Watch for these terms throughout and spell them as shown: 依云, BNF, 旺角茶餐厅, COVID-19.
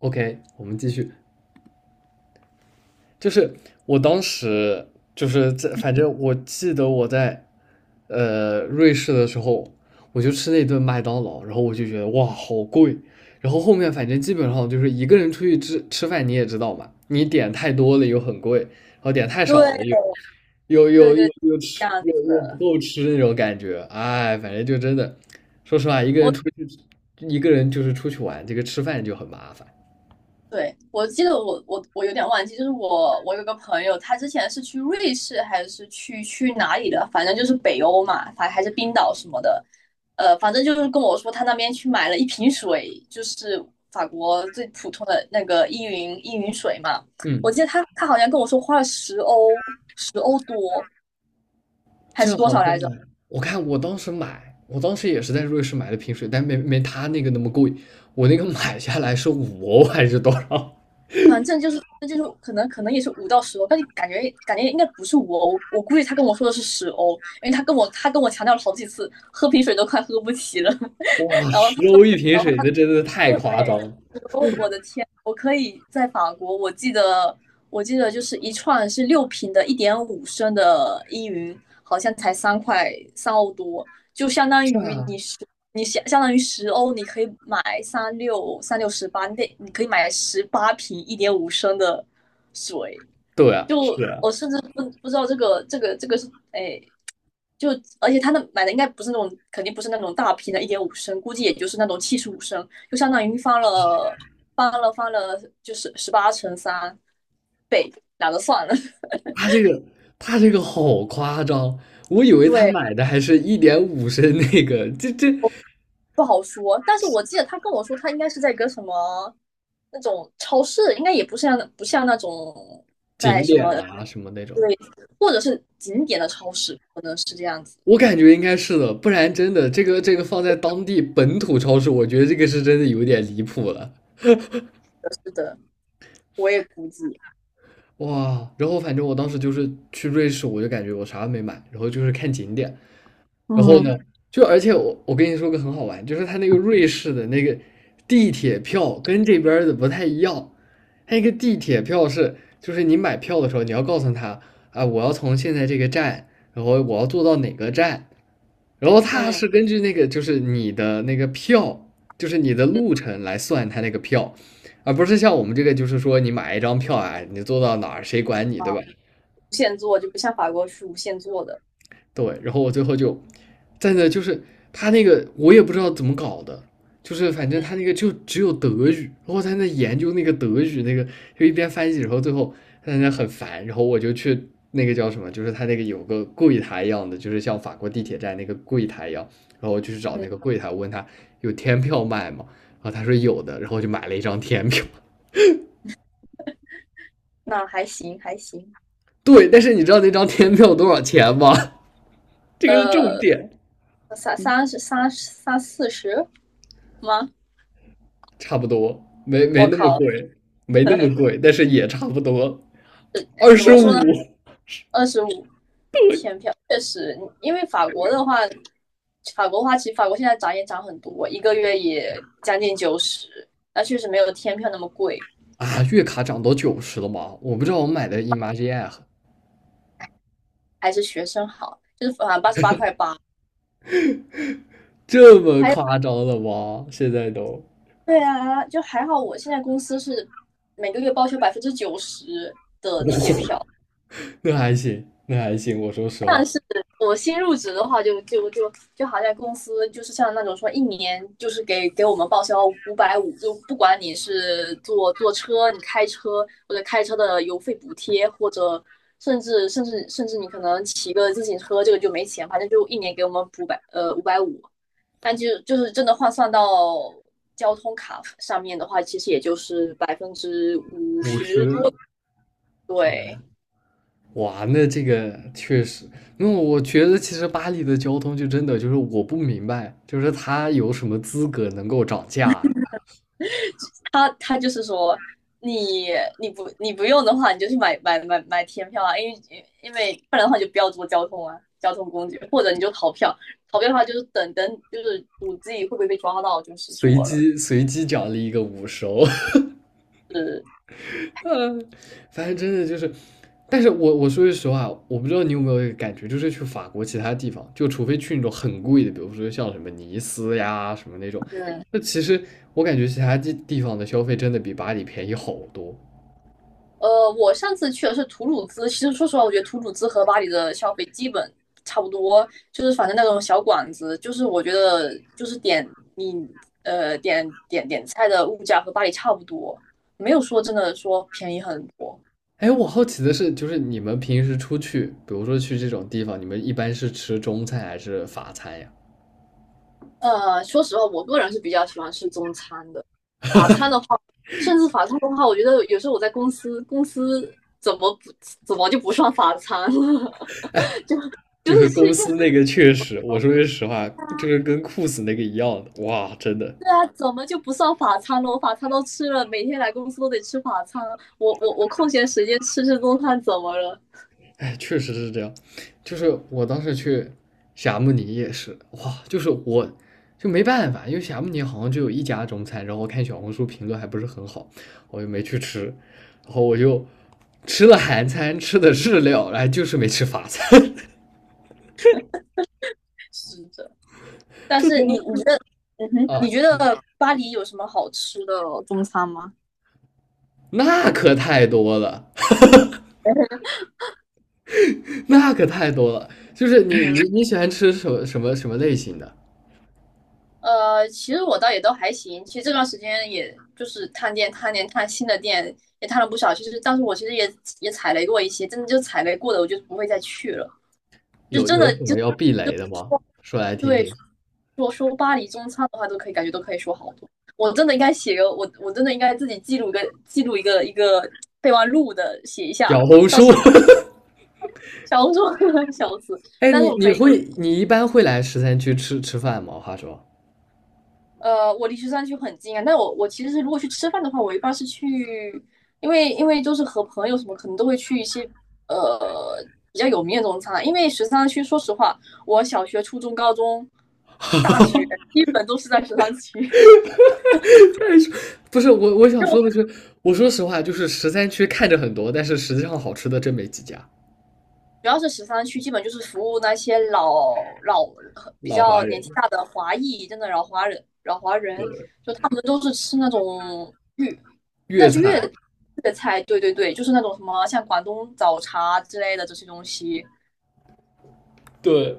OK，我们继续。就是我当时就是在，反正我记得我在瑞士的时候，我就吃那顿麦当劳，然后我就觉得哇好贵。然后后面反正基本上就是一个人出去吃吃饭，你也知道嘛，你点太多了又很贵，然后点太少了又对又对又又对，又这吃样又子又不的。够吃那种感觉。哎，反正就真的，说实话，一个人我出去一个人就是出去玩，这个吃饭就很麻烦。对，我记得我有点忘记，就是我有个朋友，他之前是去瑞士还是去哪里的，反正就是北欧嘛，反还是冰岛什么的，反正就是跟我说他那边去买了一瓶水，就是法国最普通的那个依云水嘛。我嗯。记得他好像跟我说花了10欧多还是这多好少像，来着？我当时也是在瑞士买的瓶水，但没他那个那么贵。我那个买下来是5欧还是多少？反正就是那就是可能也是5到10欧，但是感觉应该不是5欧，我估计他跟我说的是十欧，因为他跟我强调了好几次，喝瓶水都快喝不起了。然后他十欧一瓶然后水，那真的太夸张了。说我的天，我可以在法国，我记得就是一串是六瓶的一点五升的依云，好像才3块3欧多，就相当是于啊，你相当于十欧，你可以买三六三六十八，你可以买18瓶一点五升的水。对啊，就我甚至不知道这个是哎，就而且他那买的应该不是那种，肯定不是那种大瓶的，一点五升，估计也就是那种75升，就相当于翻了，就是18乘3倍，懒得算了，他这个他这个好夸张，我以为他对，买的还是1.5升那个，不好说。但是我记得他跟我说，他应该是在一个什么那种超市，应该也不像那种在景什点么啊什么那种，对，或者是景点的超市，可能是这样子。我感觉应该是的，不然真的这个放在当地本土超市，我觉得这个是真的有点离谱了。是的，我也估计。哇，然后反正我当时就是去瑞士，我就感觉我啥都没买，然后就是看景点，然后嗯，呢，就而且我跟你说个很好玩，就是他那个瑞士的那个地铁票跟这边儿的不太一样，他一个地铁票是就是你买票的时候你要告诉他啊，我要从现在这个站，然后我要坐到哪个站，然后它嗯是根据那个就是你的那个票，就是你的嗯路程来算它那个票，而不是像我们这个就是说你买一张票啊，你坐到哪儿谁管你，对啊，吧？无限做就不像法国是无限做的，对，然后我最后就站在那，就是他那个我也不知道怎么搞的，就是反正嗯，他那个就只有德语，然后他在那研究那个德语那个，就一边翻译，然后最后他在那很烦，然后我就去那个叫什么，就是他那个有个柜台一样的，就是像法国地铁站那个柜台一样，然后我就去找嗯，那个柜台，我问他有天票卖吗？然后他说有的，然后我就买了一张天票。那还行还行，对，但是你知道那张天票多少钱吗？这个是重点。那三三十三十三四十吗？差不多，没我那么靠，贵，没那么贵，但是也差不多，哎二怎十么说呢？五25天票确实，因为法国的话，法国的话其实法国现在涨也涨很多，一个月也将近九十，那确实没有天票那么贵，啊，月卡涨到90了吗？我不知道我买的 Imagine 还是学生好，就是反正88块8。这么还有夸张了吗？现在都，对啊，就还好我现在公司是每个月报销90%。哇，那还行，那还行，我说实话，我新入职的话就，就好像公司就是像那种说一年就是给我们报销五百五，就不管你是坐车、你开车或者开车的油费补贴，或者甚至你可能骑个自行车，这个就没钱，反正就一年给我们补五百五。但就是真的换算到交通卡上面的话，其实也就是百分之五五十，十多，对。哇，那这个确实，那我觉得其实巴黎的交通就真的就是我不明白，就是它有什么资格能够涨价？他就是说，你你不用的话，你就去买天票啊，因为不然的话就不要坐交通啊，交通工具，或者你就逃票，逃票的话就是等等，就是赌自己会不会被抓到，就是说随了，机随机奖励一个50欧，是嗯，反正真的就是，但是我说句实话，我不知道你有没有一个感觉，就是去法国其他地方，就除非去那种很贵的，比如说像什么尼斯呀什么那种，嗯，那其实我感觉其他地方的消费真的比巴黎便宜好多。呃，我上次去的是图鲁兹，其实说实话，我觉得图鲁兹和巴黎的消费基本差不多，就是反正那种小馆子，就是我觉得就是点你呃点点点菜的物价和巴黎差不多，没有说真的说便宜很多。哎，我好奇的是，就是你们平时出去，比如说去这种地方，你们一般是吃中餐还是法餐呀？呃，说实话，我个人是比较喜欢吃中餐的。法餐的话，甚至法餐的话，我觉得有时候我在公司，公司怎么就不算法餐了？就就是是吃公一些，司那个确实，我说句实话，就是跟 CO 那个一样的，哇，真的。对啊，怎么就不算法餐了？我法餐都吃了，每天来公司都得吃法餐。我空闲时间吃吃中餐怎么了？哎，确实是这样。就是我当时去霞慕尼也是，哇，就是我就没办法，因为霞慕尼好像就有一家中餐，然后我看小红书评论还不是很好，我就没去吃，然后我就吃了韩餐，吃的日料，然后就是没吃法餐，是的。但就觉是你觉得，嗯哼，得你啊，觉得巴黎有什么好吃的中餐吗？那可太多了，那可太多了。就是你喜欢吃什么类型的？呃，其实我倒也都还行。其实这段时间也就是探店、探店、探新的店，也探了不少。其实，但是我其实也踩雷过一些，真的就踩雷过的，我就不会再去了。就有真的有什就么要避雷的吗？说来听对，听。说说巴黎中餐的话，都可以感觉都可以说好多。我真的应该写个我，我真的应该自己记录一个备忘录的，写一下小红书。小红书 笑死。哎，但是你我你可以会你一般会来十三区吃吃饭吗？话说，呃，我离十三区很近啊，但我其实是如果去吃饭的话，我一般是去，因为就是和朋友什么，可能都会去一些呃比较有名的中餐啊。因为十三区，说实话，我小学、初中、高中、大学基本都是在十三区，不是我想说的就是，我说实话，就是十三区看着很多，但是实际上好吃的真没几家。主要是13区，基本就是服务那些比老华较年人，纪大的华裔，真的老华人，老华人。对，我们都是吃那种粤，那粤是菜，粤粤菜，对对对，就是那种什么像广东早茶之类的这些东西。对，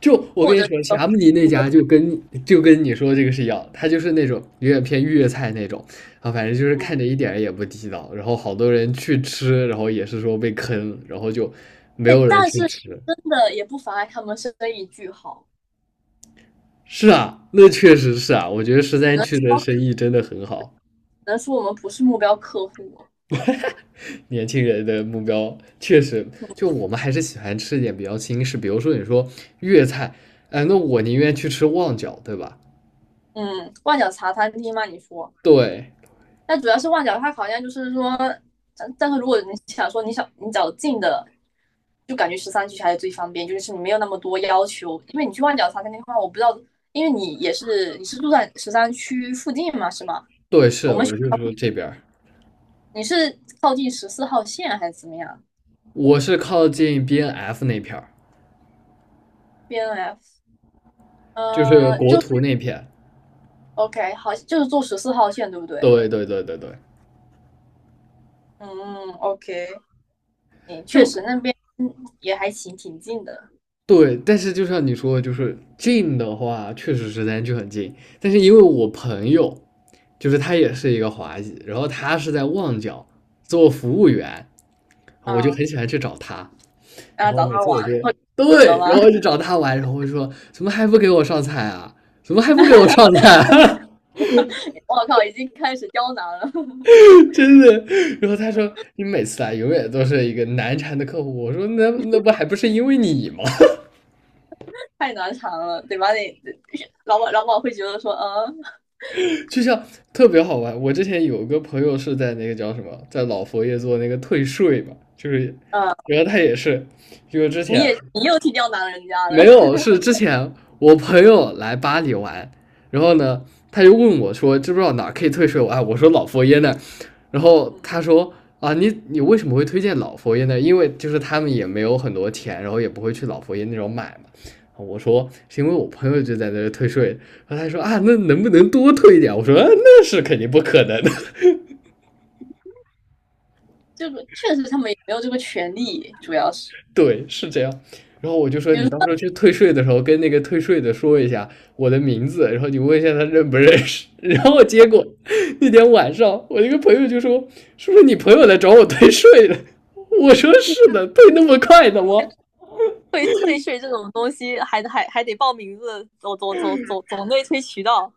就我跟你说，霞慕尼那家就跟你说这个是一样，他就是那种有点偏粤菜那种，啊，反正就是嗯，看着一点儿也不地道，然后好多人去吃，然后也是说被坑，然后就没哎，有人但是去吃，真的也不妨碍他们生意巨好，是啊，那确实是啊，我觉得十三只能区的说只生意真的很好，能说我们不是目标客户。年轻人的目标确实，就我们还是喜欢吃一点比较新式，比如说你说粤菜，哎，那我宁愿去吃旺角，对吧？嗯，万脚茶餐厅吗？你说。对，那主要是旺角，它好像就是说，但是如果你想说你想你找近的，就感觉十三区还是最方便，就是你没有那么多要求，因为你去旺角茶餐厅的话，我不知道，因为你是住在十三区附近嘛，是吗？对，是，我就说这边儿你是靠近十四号线还是怎么样我是靠近 BNF 那片儿，？BNF，就是呃，国就 图那片，OK，好，就是坐十四号线对不对？对对对对对，嗯，OK，行，确就实那边也还行，挺近的，对，但是就像你说的，就是近的话，确实时间就很近。但是因为我朋友，就是他也是一个华裔，然后他是在旺角做服务员，我就嗯，很喜欢去找他。然然后后找每他次我就 玩，对，然后就找他玩，然后我就说怎么还不给我上菜啊？怎么还不给我上菜啊？我靠，已经开始刁难了。真的。然后他说你每次来永远都是一个难缠的客户。我说那不还不是因为你吗？太难缠了，对吧？你老板会觉得说，嗯就像特别好玩。我之前有个朋友是在那个叫什么，在老佛爷做那个退税嘛，就是，嗯，然后他也是，就是之前你又替刁难人家了，没有，是之前我朋友来巴黎玩，然后呢，他就问我说，知不知道哪儿可以退税？我啊，我说老佛爷那儿然后嗯，他说啊，你为什么会推荐老佛爷呢？因为就是他们也没有很多钱，然后也不会去老佛爷那种买嘛。我说是因为我朋友就在那儿退税，然后他说啊，那能不能多退一点？我说、啊、那是肯定不可能的。这个确实他们也没有这个权利，主要是对，是这样。然后我就说，比你如到说时候去退税的时候，跟那个退税的说一下我的名字，然后你问一下他认不认识。然后结果那天晚上，我一个朋友就说："是不是你朋友来找我退税了？" 我说："是的，退那么快的吗？"退税这种东西，还得报名字，走内推渠道，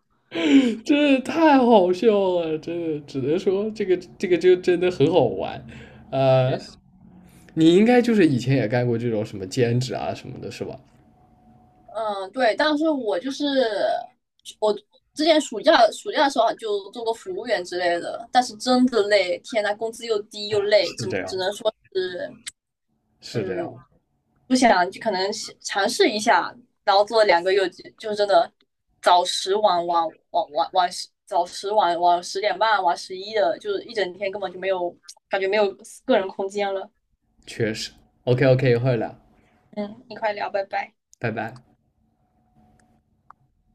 真的太好笑了，真的，只能说这个就真的很好玩。呃，确实，你应该就是以前也干过这种什么兼职啊什么的，是吧？嗯对，但是我就是我之前暑假的时候就做过服务员之类的，但是真的累，天呐，工资又低又累，是只这样，只能说是是这样，嗯不想就可能尝试一下，然后做了2个月就真的早十晚十一的，就是一整天根本就没有感觉没有个人空间了。确实。OK OK,一会儿聊，嗯，你快聊，拜拜。拜拜。